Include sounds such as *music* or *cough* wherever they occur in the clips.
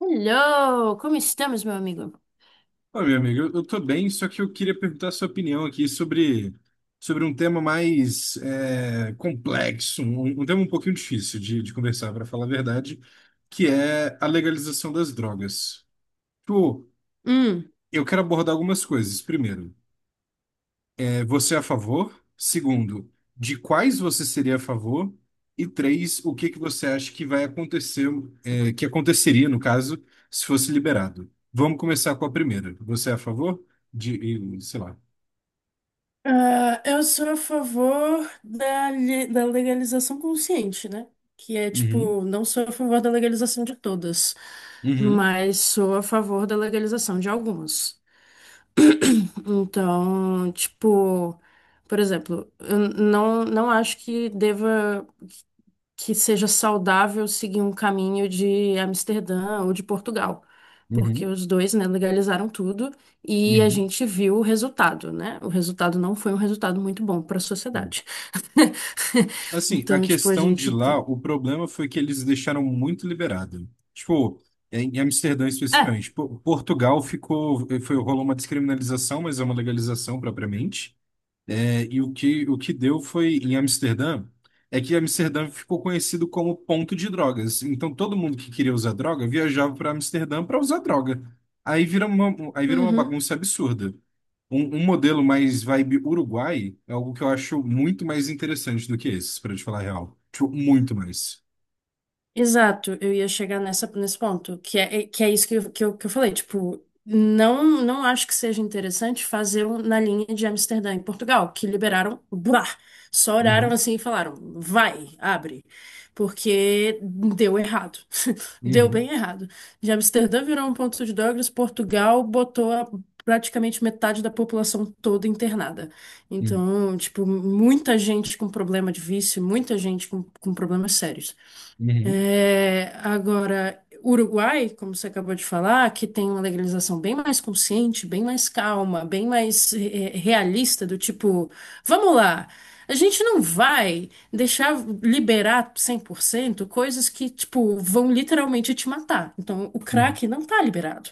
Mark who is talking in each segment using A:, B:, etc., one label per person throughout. A: Hello, como estamos, meu amigo?
B: Ô, meu amigo, eu tô bem, só que eu queria perguntar a sua opinião aqui sobre um tema mais complexo, um tema um pouquinho difícil de conversar, para falar a verdade, que é a legalização das drogas. Tipo,
A: Hum,
B: eu quero abordar algumas coisas. Primeiro, você é a favor? Segundo, de quais você seria a favor? E três, o que que você acha que vai acontecer, que aconteceria, no caso, se fosse liberado? Vamos começar com a primeira. Você é a favor? De, e, sei lá.
A: Ah, eu sou a favor da legalização consciente, né? Que é
B: Uhum,
A: tipo, não sou a favor da legalização de todas,
B: uhum,
A: mas sou a favor da legalização de algumas. Então, tipo, por exemplo, eu não acho que deva. Que seja saudável seguir um caminho de Amsterdã ou de Portugal, porque
B: uhum,
A: os dois, né, legalizaram tudo e a
B: uhum,
A: gente viu o resultado, né? O resultado não foi um resultado muito bom para a
B: uhum.
A: sociedade. *laughs*
B: Assim, a
A: Então, tipo, a
B: questão de
A: gente
B: lá,
A: tem.
B: o problema foi que eles deixaram muito liberado. Tipo, em Amsterdã
A: É.
B: especificamente. Po- Portugal ficou, foi, rolou uma descriminalização, mas é uma legalização propriamente. E o que deu foi em Amsterdã, é que Amsterdã ficou conhecido como ponto de drogas. Então todo mundo que queria usar droga viajava para Amsterdã para usar droga. Aí vira uma
A: Uhum.
B: bagunça absurda. Um modelo mais vibe Uruguai é algo que eu acho muito mais interessante do que esse, para te falar a real. Tipo, muito mais.
A: Exato, eu ia chegar nessa, nesse ponto, que é isso que eu falei, tipo, não acho que seja interessante fazer um na linha de Amsterdã em Portugal, que liberaram, buá, só olharam
B: Uhum,
A: assim e falaram, vai, abre, porque deu errado, *laughs* deu
B: uhum,
A: bem errado. De Amsterdã virou um ponto de drogas, Portugal botou a- praticamente metade da população toda internada.
B: uhum,
A: Então, tipo, muita gente com problema de vício, muita gente com problemas sérios.
B: uhum,
A: É, agora, Uruguai, como você acabou de falar, que tem uma legalização bem mais consciente, bem mais calma, bem mais realista, do tipo, vamos lá, a gente não vai deixar liberar 100% coisas que, tipo, vão literalmente te matar. Então, o
B: uhum,
A: crack não tá liberado.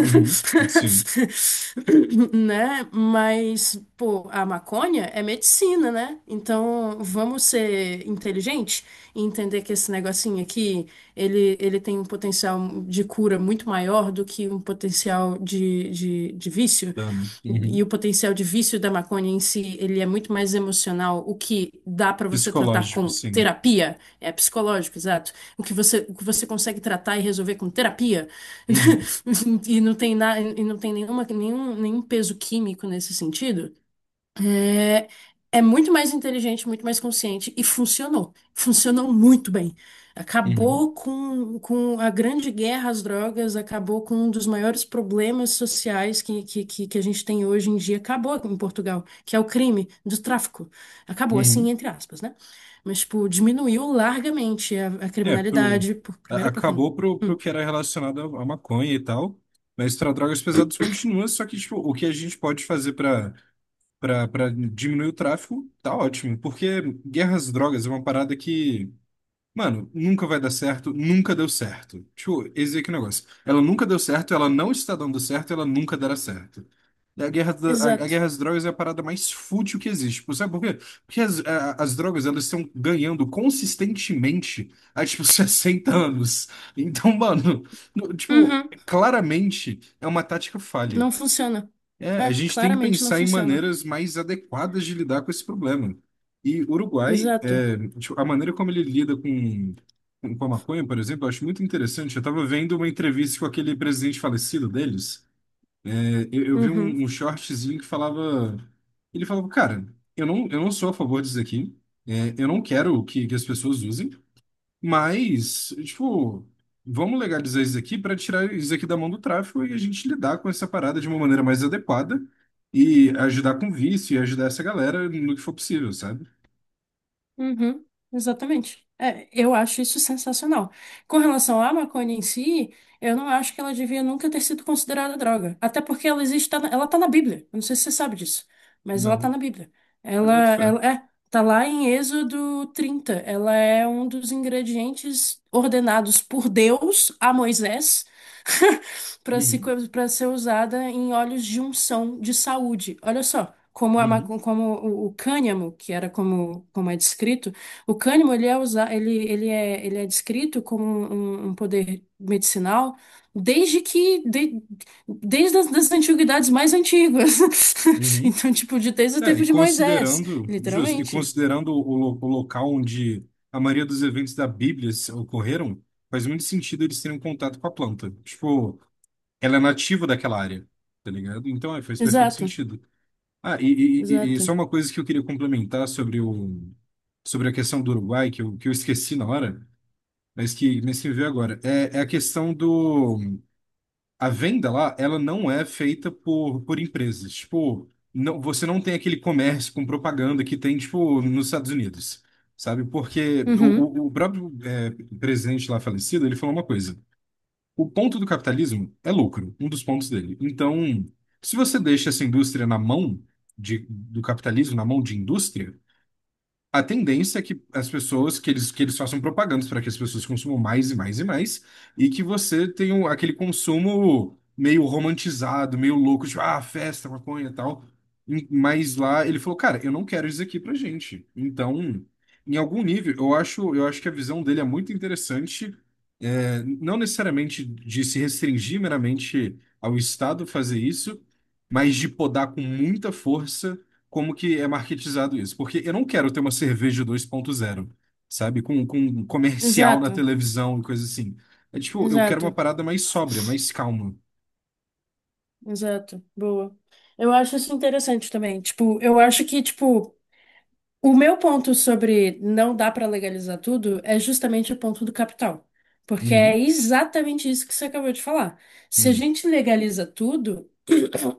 B: uhum. Sim,
A: Né? Mas, pô, a maconha é medicina, né? Então, vamos ser inteligentes? E entender que esse negocinho aqui, ele tem um potencial de cura muito maior do que um potencial de vício.
B: dano.
A: E
B: Uhum.
A: o potencial de vício da maconha em si, ele é muito mais emocional, o que dá para você tratar
B: Psicológico,
A: com
B: sim.
A: terapia, é psicológico, exato. O que você consegue tratar e resolver com terapia,
B: Uhum,
A: *laughs* e não tem nada, e não tem nenhum peso químico nesse sentido. É muito mais inteligente, muito mais consciente e funcionou. Funcionou muito bem.
B: uhum,
A: Acabou com a grande guerra às drogas, acabou com um dos maiores problemas sociais que a gente tem hoje em dia. Acabou em Portugal, que é o crime do tráfico. Acabou, assim,
B: uhum.
A: entre aspas, né? Mas, tipo, diminuiu largamente a
B: É, pro,
A: criminalidade. Por-
B: a-
A: primeiro, porque.
B: acabou pro, pro que era relacionado à à maconha e tal, mas para drogas pesadas continua, só que tipo, o que a gente pode fazer para diminuir o tráfico tá ótimo, porque guerras às drogas é uma parada que. Mano, nunca vai dar certo, nunca deu certo. Tipo, esse aqui é o negócio. Ela nunca deu certo, ela não está dando certo, ela nunca dará certo. A guerra, da- a
A: Exato.
B: guerra às drogas é a parada mais fútil que existe. Tipo, sabe por quê? Porque as, a- as drogas, elas estão ganhando consistentemente há, tipo, *laughs* 60 anos. Então, mano, no- tipo,
A: Uhum,
B: claramente é uma tática falha.
A: não funciona.
B: É, a
A: É,
B: gente tem que
A: claramente não
B: pensar em
A: funciona.
B: maneiras mais adequadas de lidar com esse problema. E o Uruguai,
A: Exato.
B: é, tipo, a maneira como ele lida com a maconha, por exemplo, eu acho muito interessante. Eu estava vendo uma entrevista com aquele presidente falecido deles. É, eu vi
A: Uhum.
B: um, um shortzinho que falava. Ele falava, cara, eu não sou a favor disso aqui. É, eu não quero que as pessoas usem. Mas, tipo, vamos legalizar isso aqui para tirar isso aqui da mão do tráfico e a gente lidar com essa parada de uma maneira mais adequada e ajudar com vício e ajudar essa galera no que for possível, sabe?
A: Uhum, exatamente. É, eu acho isso sensacional. Com relação à maconha em si, eu não acho que ela devia nunca ter sido considerada droga. Até porque ela existe, tá na- ela tá na Bíblia. Eu não sei se você sabe disso, mas ela tá
B: Não,
A: na Bíblia.
B: eu boto fé.
A: Tá lá em Êxodo 30. Ela é um dos ingredientes ordenados por Deus a Moisés para se,
B: Uhum,
A: para ser usada em óleos de unção de saúde. Olha só, como, a,
B: uhum,
A: maco- como o cânhamo, que era como, como é descrito, o cânhamo ele é, usa, ele, ele é descrito como um poder medicinal desde que de- desde as das antiguidades mais antigas. *laughs*
B: uhum.
A: Então, tipo, de, desde o
B: É, e
A: tempo de Moisés,
B: considerando, justo, e
A: literalmente.
B: considerando o, lo- o local onde a maioria dos eventos da Bíblia se- ocorreram, faz muito sentido eles terem contato com a planta. Tipo, ela é nativa daquela área, tá ligado? Então, é, faz perfeito
A: Exato,
B: sentido. Ah, e só
A: exato.
B: uma coisa que eu queria complementar sobre o, sobre a questão do Uruguai, que eu esqueci na hora, mas mas que me veio agora. É, é a questão do... A venda lá, ela não é feita por empresas. Tipo, não, você não tem aquele comércio com propaganda que tem, tipo, nos Estados Unidos, sabe? Porque o,
A: Uhum,
B: o próprio é, presidente lá falecido, ele falou uma coisa. O ponto do capitalismo é lucro, um dos pontos dele. Então, se você deixa essa indústria na mão de, do capitalismo, na mão de indústria, a tendência é que as pessoas, que eles façam propagandas para que as pessoas consumam mais e mais e mais, e que você tenha um- aquele consumo meio romantizado, meio louco, tipo, ah, festa, maconha e tal. E- Mas lá ele falou, cara, eu não quero isso aqui pra gente. Então, em algum nível, eu acho que a visão dele é muito interessante, é, não necessariamente de se restringir meramente ao Estado fazer isso, mas de podar com muita força como que é marketizado isso, porque eu não quero ter uma cerveja 2.0, sabe, com um comercial na
A: exato,
B: televisão e coisa assim. É tipo, eu quero uma
A: exato.
B: parada mais sóbria, mais calma.
A: Exato, boa. Eu acho isso interessante também. Tipo, eu acho que, tipo, o meu ponto sobre não dá pra legalizar tudo é justamente o ponto do capital. Porque
B: Uhum,
A: é exatamente isso que você acabou de falar. Se a
B: uhum.
A: gente legaliza tudo,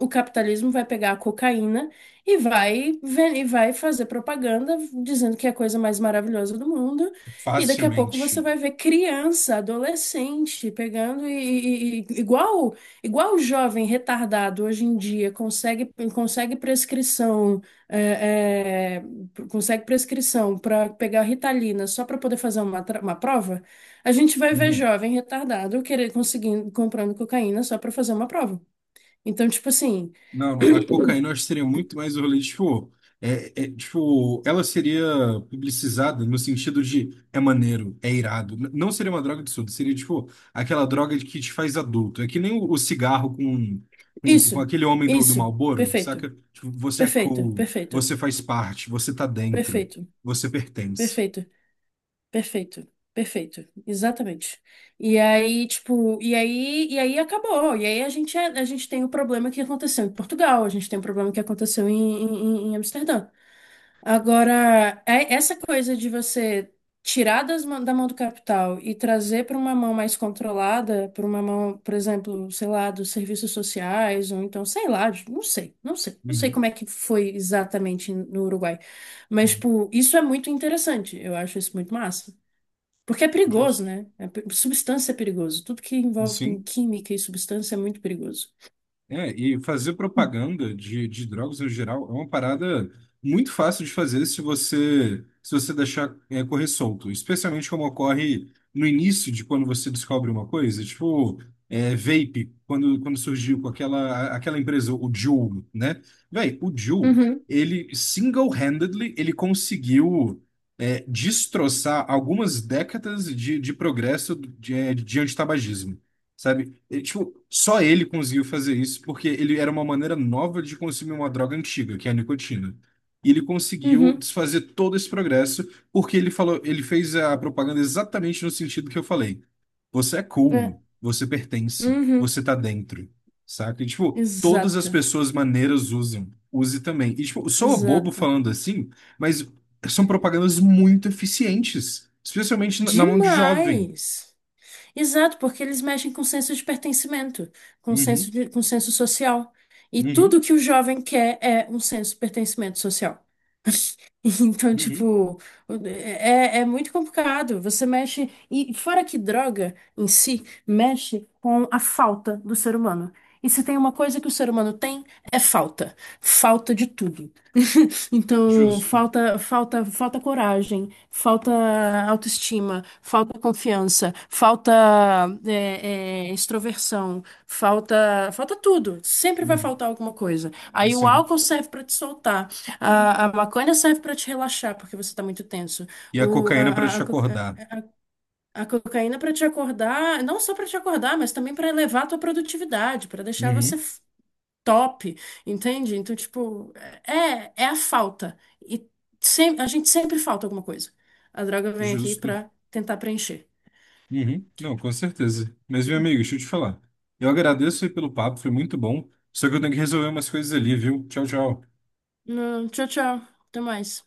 A: o capitalismo vai pegar a cocaína e vai fazer propaganda dizendo que é a coisa mais maravilhosa do mundo. E daqui a pouco você
B: Facilmente.
A: vai ver criança, adolescente pegando igual igual o jovem retardado hoje em dia consegue consegue prescrição é, é, consegue prescrição para pegar Ritalina só para poder fazer uma prova. A gente vai ver jovem retardado querer conseguindo comprando cocaína só para fazer uma prova. Então, tipo assim,
B: Não, não, a cocaína eu acho que seria muito mais o rolê, tipo, tipo, ela seria publicizada no sentido de é maneiro, é irado. N- Não seria uma droga de surdo, seria tipo aquela droga de que te faz adulto. É que nem o, o cigarro com, com
A: Isso,
B: aquele homem do, do
A: isso,
B: Marlboro, saca?
A: perfeito,
B: Tipo, você é
A: perfeito,
B: cool,
A: perfeito,
B: você faz parte, você tá dentro,
A: perfeito,
B: você pertence.
A: perfeito, perfeito, perfeito, exatamente. E aí, tipo, e aí acabou. E aí a gente, é, a gente tem o problema que aconteceu em Portugal, a gente tem o problema que aconteceu em, em Amsterdã. Agora, essa coisa de você tirar da mão do capital e trazer para uma mão mais controlada, para uma mão, por exemplo, sei lá, dos serviços sociais, ou então, sei lá, de- não sei como
B: Uhum,
A: é que foi exatamente no Uruguai. Mas,
B: uhum.
A: tipo, isso é muito interessante, eu acho isso muito massa. Porque é perigoso,
B: Justo.
A: né? É pe- substância é perigoso. Tudo que envolve com
B: Sim.
A: química e substância é muito perigoso.
B: É, e fazer propaganda de drogas no geral é uma parada muito fácil de fazer se você deixar é, correr solto, especialmente como ocorre no início de quando você descobre uma coisa, tipo é, vape, quando surgiu com aquela, aquela empresa, o Juul, né? Véi, o Juul,
A: Uhum,
B: ele single-handedly, ele conseguiu é, destroçar algumas décadas de progresso de antitabagismo. Sabe? E, tipo, só ele conseguiu fazer isso porque ele era uma maneira nova de consumir uma droga antiga, que é a nicotina. E ele conseguiu
A: uhum,
B: desfazer todo esse progresso porque ele falou, ele fez a propaganda exatamente no sentido que eu falei. Você é cool,
A: é,
B: você pertence,
A: uhum,
B: você tá dentro, saca? E, tipo, todas as
A: exato,
B: pessoas maneiras usam, use também. E, tipo, sou bobo
A: exato.
B: falando assim, mas são propagandas muito eficientes, especialmente na mão de jovem.
A: Demais! Exato, porque eles mexem com o senso de pertencimento, com o senso
B: Uhum,
A: de, com o senso social. E
B: uhum,
A: tudo que o jovem quer é um senso de pertencimento social. *laughs* Então,
B: uhum.
A: tipo, é, é muito complicado. Você mexe. E fora que droga em si mexe com a falta do ser humano. E se tem uma coisa que o ser humano tem, é falta. Falta de tudo. Então,
B: Justo.
A: falta coragem, falta autoestima, falta confiança, falta extroversão, falta, falta tudo. Sempre vai
B: Uhum.
A: faltar alguma coisa. Aí o
B: Sim.
A: álcool serve para te soltar, a maconha serve para te relaxar porque você está muito tenso.
B: E a
A: O,
B: cocaína para te
A: a co-
B: acordar.
A: A cocaína para te acordar, não só para te acordar, mas também para elevar a tua produtividade, para deixar você
B: Uhum.
A: top, entende? Então, tipo, é, é a falta. E sem, a gente sempre falta alguma coisa. A droga vem aqui
B: Justo.
A: pra tentar preencher.
B: Uhum. Não, com certeza. Mas, meu amigo, deixa eu te falar. Eu agradeço aí pelo papo, foi muito bom. Só que eu tenho que resolver umas coisas ali, viu? Tchau, tchau.
A: Não, tchau, tchau. Até mais.